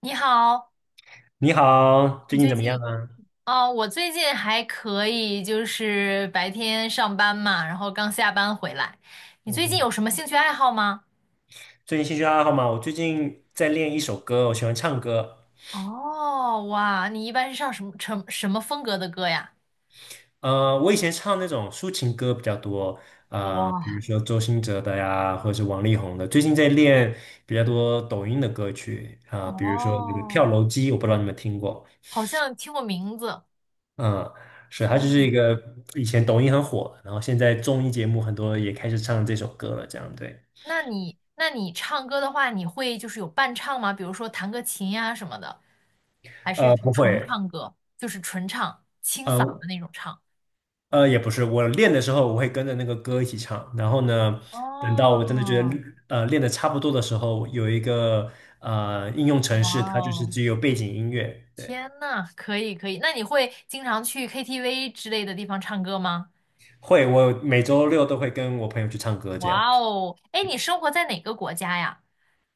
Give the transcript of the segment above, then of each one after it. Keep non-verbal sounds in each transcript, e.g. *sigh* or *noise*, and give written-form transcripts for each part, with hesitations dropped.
你好，你好，你最近最怎么近样啊？哦，我最近还可以，就是白天上班嘛，然后刚下班回来。你嗯最近哼。有什么兴趣爱好吗？最近兴趣爱好嘛，我最近在练一首歌，我喜欢唱歌。哦，哇，你一般是唱什么什么风格的歌呀？我以前唱那种抒情歌比较多，哇，比如说周兴哲的呀，或者是王力宏的。最近在练比较多抖音的歌曲啊，比如说那个跳哦，楼机，我不知道你们听过。好像听过名字。嗯。是，它天就是呐，一个以前抖音很火，然后现在综艺节目很多也开始唱这首歌了，这样对。那你唱歌的话，你会就是有伴唱吗？比如说弹个琴呀什么的，还是不纯会。唱歌，就是纯唱，清嗓呃的那种唱？也不是，我练的时候我会跟着那个歌一起唱，然后呢，等到我真的觉得哦，练的差不多的时候，有一个应用程哇式，它就是哦！只有背景音乐。对。天呐，可以可以，那你会经常去 KTV 之类的地方唱歌吗？会，我每周六都会跟我朋友去唱歌这样。哇哦，哎，你生活在哪个国家呀？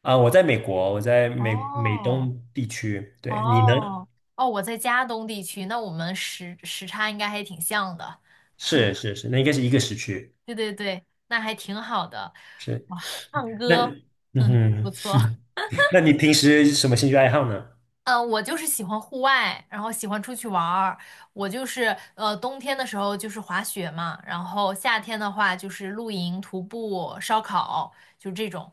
我在美国，我在美哦东地区。对，你呢？哦哦，我在加东地区，那我们时差应该还挺像的。是是是，那应该是一个时区。对对对，那还挺好的。是。哇，唱那，歌，*laughs* 嗯哼，不哼。错。*laughs* 那你平时什么兴趣爱好呢？嗯，我就是喜欢户外，然后喜欢出去玩儿。我就是冬天的时候就是滑雪嘛，然后夏天的话就是露营、徒步、烧烤，就这种。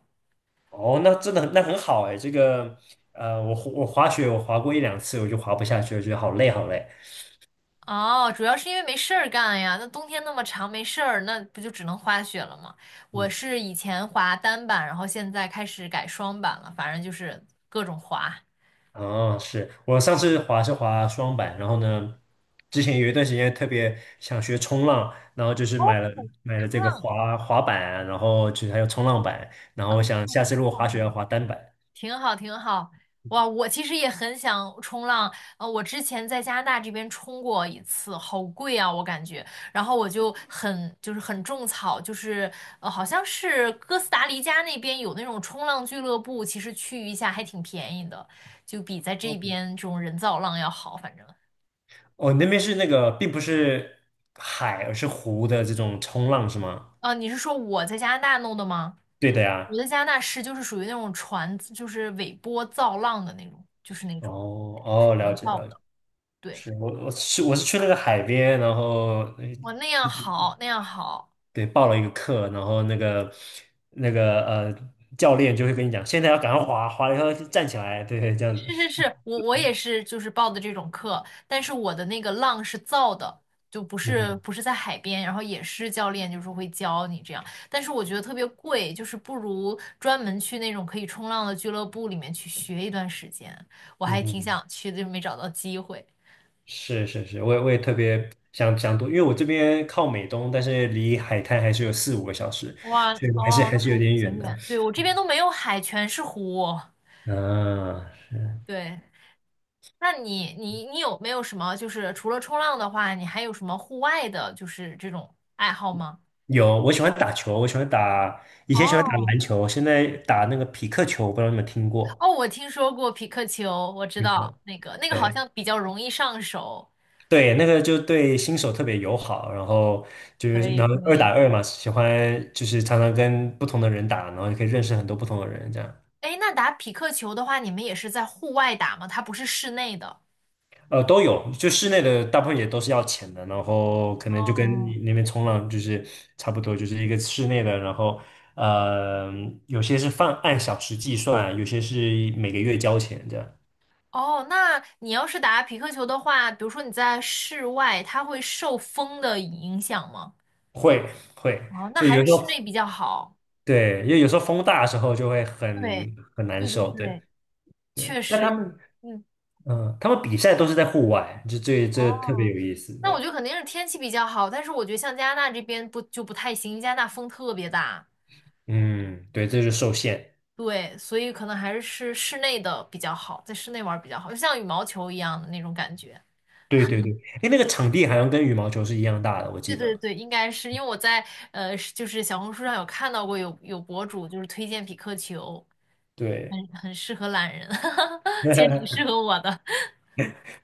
哦，那真的很很好哎，这个我滑雪我滑过一两次，我就滑不下去，我觉得好累好累。哦，主要是因为没事儿干呀。那冬天那么长，没事儿，那不就只能滑雪了吗？我嗯。是以前滑单板，然后现在开始改双板了，反正就是各种滑。哦，是我上次滑是滑双板，然后呢，之前有一段时间特别想学冲浪，然后就是哦，买了冲这个浪滑板，然后就是还有冲浪板，然后我想下次如果滑雪要滑单板。挺好，挺好。哇，我其实也很想冲浪。我之前在加拿大这边冲过一次，好贵啊，我感觉。然后我就很种草，就是好像是哥斯达黎加那边有那种冲浪俱乐部，其实去一下还挺便宜的，就比在这哦边这种人造浪要好。反正哦，那边是那个并不是海，而是湖的这种冲浪是吗？啊，你是说我在加拿大弄的吗？对的呀。我在加拿大是就是属于那种船，就是尾波造浪的那种，就是那种哦是哦，了人解造了解。的，对。我去那个海边，然后我那样好，那样好，对报了一个课，然后那个教练就会跟你讲，现在要赶快滑，滑了以后就站起来，对对，这样是是子。是，我也是，就是报的这种课，但是我的那个浪是造的，就不嗯是哼不是在海边，然后也是教练就是会教你这样，但是我觉得特别贵，就是不如专门去那种可以冲浪的俱乐部里面去学一段时间，我嗯还挺哼，想去的，就没找到机会。是是是，我也特别想多，因为我这边靠美东，但是离海滩还是有四五个小时，哇，所以还是哦，还那是有还是点远挺的。远，对，我这边都没有海，全是湖，嗯。对。那你有没有什么就是除了冲浪的话，你还有什么户外的，就是这种爱好吗？有，我喜欢打球，我喜欢打以前喜欢打哦篮球，现在打那个匹克球，不知道你们听过？哦，我听说过匹克球，我知道那个好对。像比较容易上手。对，那个就对新手特别友好，然后就可是以能可二打以。二嘛，喜欢就是常常跟不同的人打，然后也可以认识很多不同的人，这样。哎，那打匹克球的话，你们也是在户外打吗？它不是室内的。都有，就室内的大部分也都是要钱的，然后可能就跟哦，你那边冲浪就是差不多，就是一个室内的，然后呃有些是按小时计算，有些是每个月交钱这样。哦，那你要是打匹克球的话，比如说你在室外，它会受风的影响吗？会会，哦，那所以还有是时候室内比较好。对，因为有时候风大的时候就会对很难对对受，对对，对，确那实，他们。嗯，嗯，他们比赛都是在户外，这特别哦，有意思那我对。觉得肯定是天气比较好，但是我觉得像加拿大这边不就不太行，加拿大风特别大，嗯。对，这就受限。对，所以可能还是室内的比较好，在室内玩儿比较好，就像羽毛球一样的那种感觉。对对对，哎，那个场地好像跟羽毛球是一样大的，我记对对得。对，应该是因为我在是就是小红书上有看到过有博主就是推荐匹克球，对。很适合懒人，*laughs* 其 *laughs* 实挺适合我的，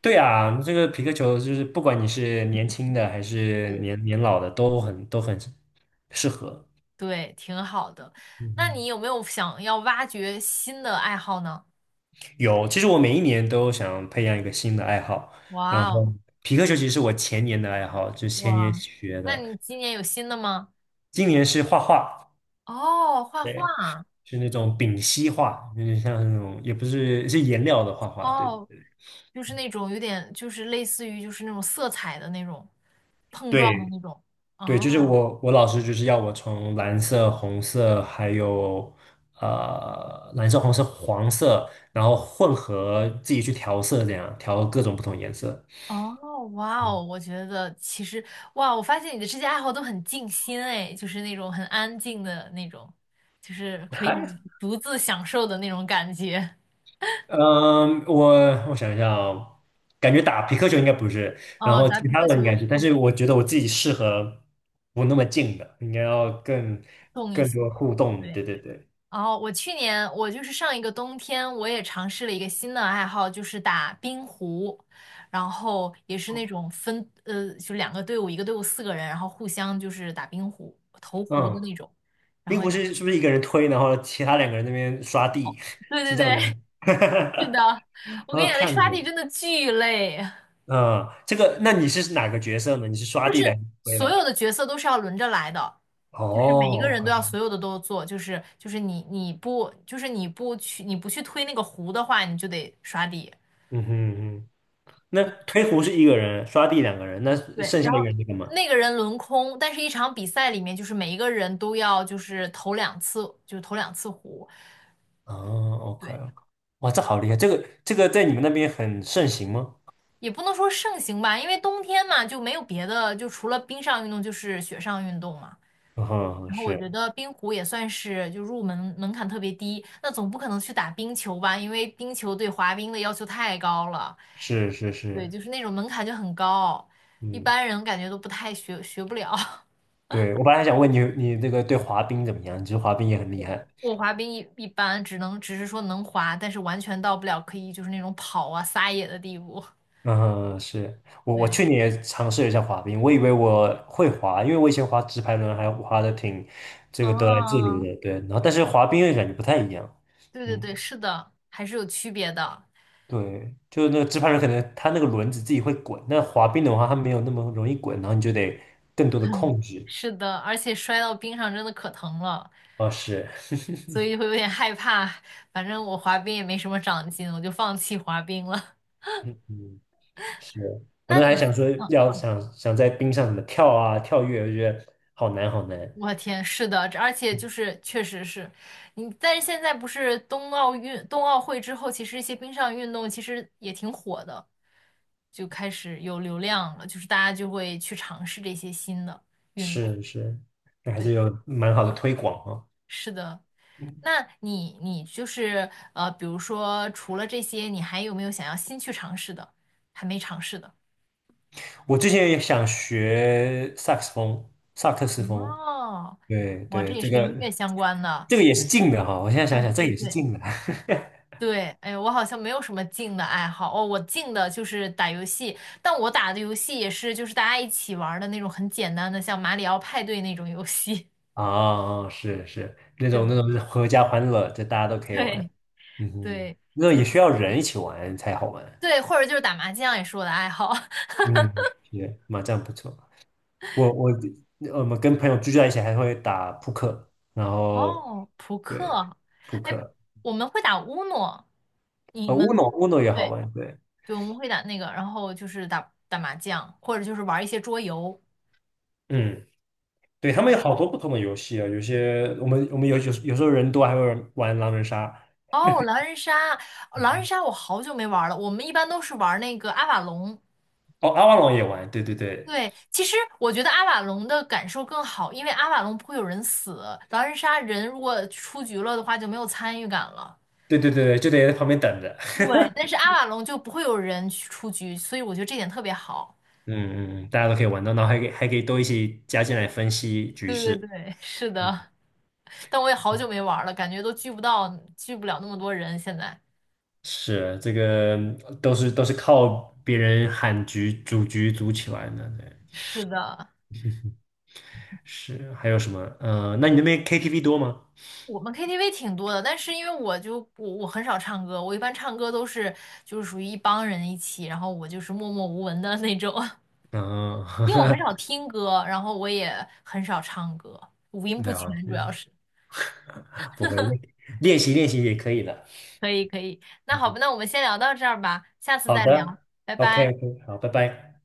对啊，这个皮克球就是不管你是年轻的还 *laughs* 对是对对。年老的，都很适合。对，挺好的。嗯那你哼。有没有想要挖掘新的爱好呢？有，其实我每一年都想培养一个新的爱好，然哇后哦！皮克球其实是我前年的爱好，就前年哇，学那的，你今年有新的吗？今年是画画。哦，画对。画，是那种丙烯画，有点像那种，也不是，是颜料的画画。对哦，就是那种有点，就是类似于就是那种色彩的那种碰对撞的那种。对，就是哦我老师就是要我从蓝色、红色，还有蓝色、红色、黄色，然后混合自己去调色，这样调各种不同颜色。哦，哇嗯。哦，我觉得其实哇，我发现你的这些爱好都很静心哎，就是那种很安静的那种，就是可以还独自享受的那种感觉。嗯，我想一下哦。感觉打皮克球应该不是，然哦，后打其匹他克的应该球是，但确实是我觉得我自己适合不那么近的，应该要更动一更些，多互动的，对。对对对。哦，我去年我就是上一个冬天，我也尝试了一个新的爱好，就是打冰壶，然后也是那种分就两个队伍，一个队伍四个人，然后互相就是打冰壶投壶的嗯。那种，然冰后壶是不是一个人推，然后其他两个人那边刷地，对 *laughs* 对是这样对，的吗？*laughs* 是的，*laughs* 我跟啊，你讲，那看刷题过。真的巨累，嗯，这个，那你是哪个角色呢？你是刷地的还是推所有的？的角色都是要轮着来的。就是每一个哦。人都要所有的都做，就是就是你你不就是你不去你不去推那个壶的话，你就得刷地。嗯哼嗯哼，那推壶是一个人，刷地两个人，那对，剩下一然个后人在干嘛？那个人轮空，但是一场比赛里面，就是每一个人都要就是投两次，就是投两次壶，哦，OK。对，哇，这好厉害，这个在你们那边很盛行吗？也不能说盛行吧，因为冬天嘛就没有别的，就除了冰上运动就是雪上运动嘛。嗯哼。然后我觉是得冰壶也算是就入门门槛特别低，那总不可能去打冰球吧，因为冰球对滑冰的要求太高了，是是对，是。就是那种门槛就很高，一嗯，般人感觉都不太学不了。*laughs* 对，我本来还想问你，你那个对滑冰怎么样？你觉得滑冰也很厉害？我滑冰一般，只是说能滑，但是完全到不了可以就是那种跑啊撒野的地步。嗯。是 *laughs* 我对，去年也尝试了一下滑冰，我以为我会滑，因为我以前滑直排轮还滑的挺这个得来自如哦，的，对。然后但是滑冰又感觉不太一样。对对嗯。对，是的，还是有区别的。对，就是那个直排轮可能它那个轮子自己会滚，那滑冰的话它没有那么容易滚，然后你就得更多的控制。是的，而且摔到冰上真的可疼了，哦，是。所以会有点害怕。反正我滑冰也没什么长进，我就放弃滑冰了。*laughs* 嗯嗯。是 *laughs* 我那那你，还嗯想说要想想在冰上怎么跳啊跳跃，我觉得好难好难。我天，是的，这而且就嗯。是确实是你，但是现在不是冬奥运、冬奥会之后，其实一些冰上运动其实也挺火的，就开始有流量了，就是大家就会去尝试这些新的运动。是是，那还是对，有蛮好的推广啊。是的。嗯。那你就是比如说除了这些，你还有没有想要新去尝试的，还没尝试的？我之前也想学萨克斯风，萨克斯风。哦，对哇，对，这也这是跟个音乐相关的。这个也是近的哈，我现在想哦，想，这个对也是对对。近的 *laughs* 对，哎呀，我好像没有什么静的爱好哦，我静的就是打游戏，但我打的游戏也是就是大家一起玩儿的那种很简单的，像马里奥派对那种游戏。啊，是那 *laughs* 对种那种是合家欢乐，这大家都可以对玩。嗯哼。对，那就也是需要人一起玩才好玩。对，或者就是打麻将也是我的爱好。*laughs* 嗯，也麻将不错。我我我们跟朋友聚在一起还会打扑克，然后哦，扑对，克，扑哎，克。我们会打乌诺，你乌们诺，乌诺也好对玩，对。对，我们会打那个，然后就是打打麻将，或者就是玩一些桌游。嗯。对，他们有对。好多不同的游戏啊，有些我们有时候人多还会玩狼人杀。哦，狼人杀，狼人杀我好久没玩了。我们一般都是玩那个阿瓦隆。哦，阿瓦隆也玩，对对对对，其实我觉得阿瓦隆的感受更好，因为阿瓦隆不会有人死，狼人杀人如果出局了的话就没有参与感了。对对对对，就得在旁边等着。对，但是 *laughs* 阿瓦隆就不会有人去出局，所以我觉得这点特别好。嗯嗯，大家都可以玩到，然后还可以都一起加进来分析局对对势。对，是嗯，的，但我也好久没玩了，感觉都聚不到，聚不了那么多人现在。是这个都是靠别人喊局组局组起来的，对。是的。是还有什么？那你那边 KTV 多吗？我们 KTV 挺多的，但是因为我就我我很少唱歌，我一般唱歌都是就是属于一帮人一起，然后我就是默默无闻的 *laughs* 那种，*laughs* 嗯。因为我很少听歌，然后我也很少唱歌，五音 *laughs* 不了全主解，要是。不会，练习练习也可以的。可以可以，那好吧，那我们先聊到这儿吧，下次好再聊，的拜，OK 拜。OK，好，拜拜。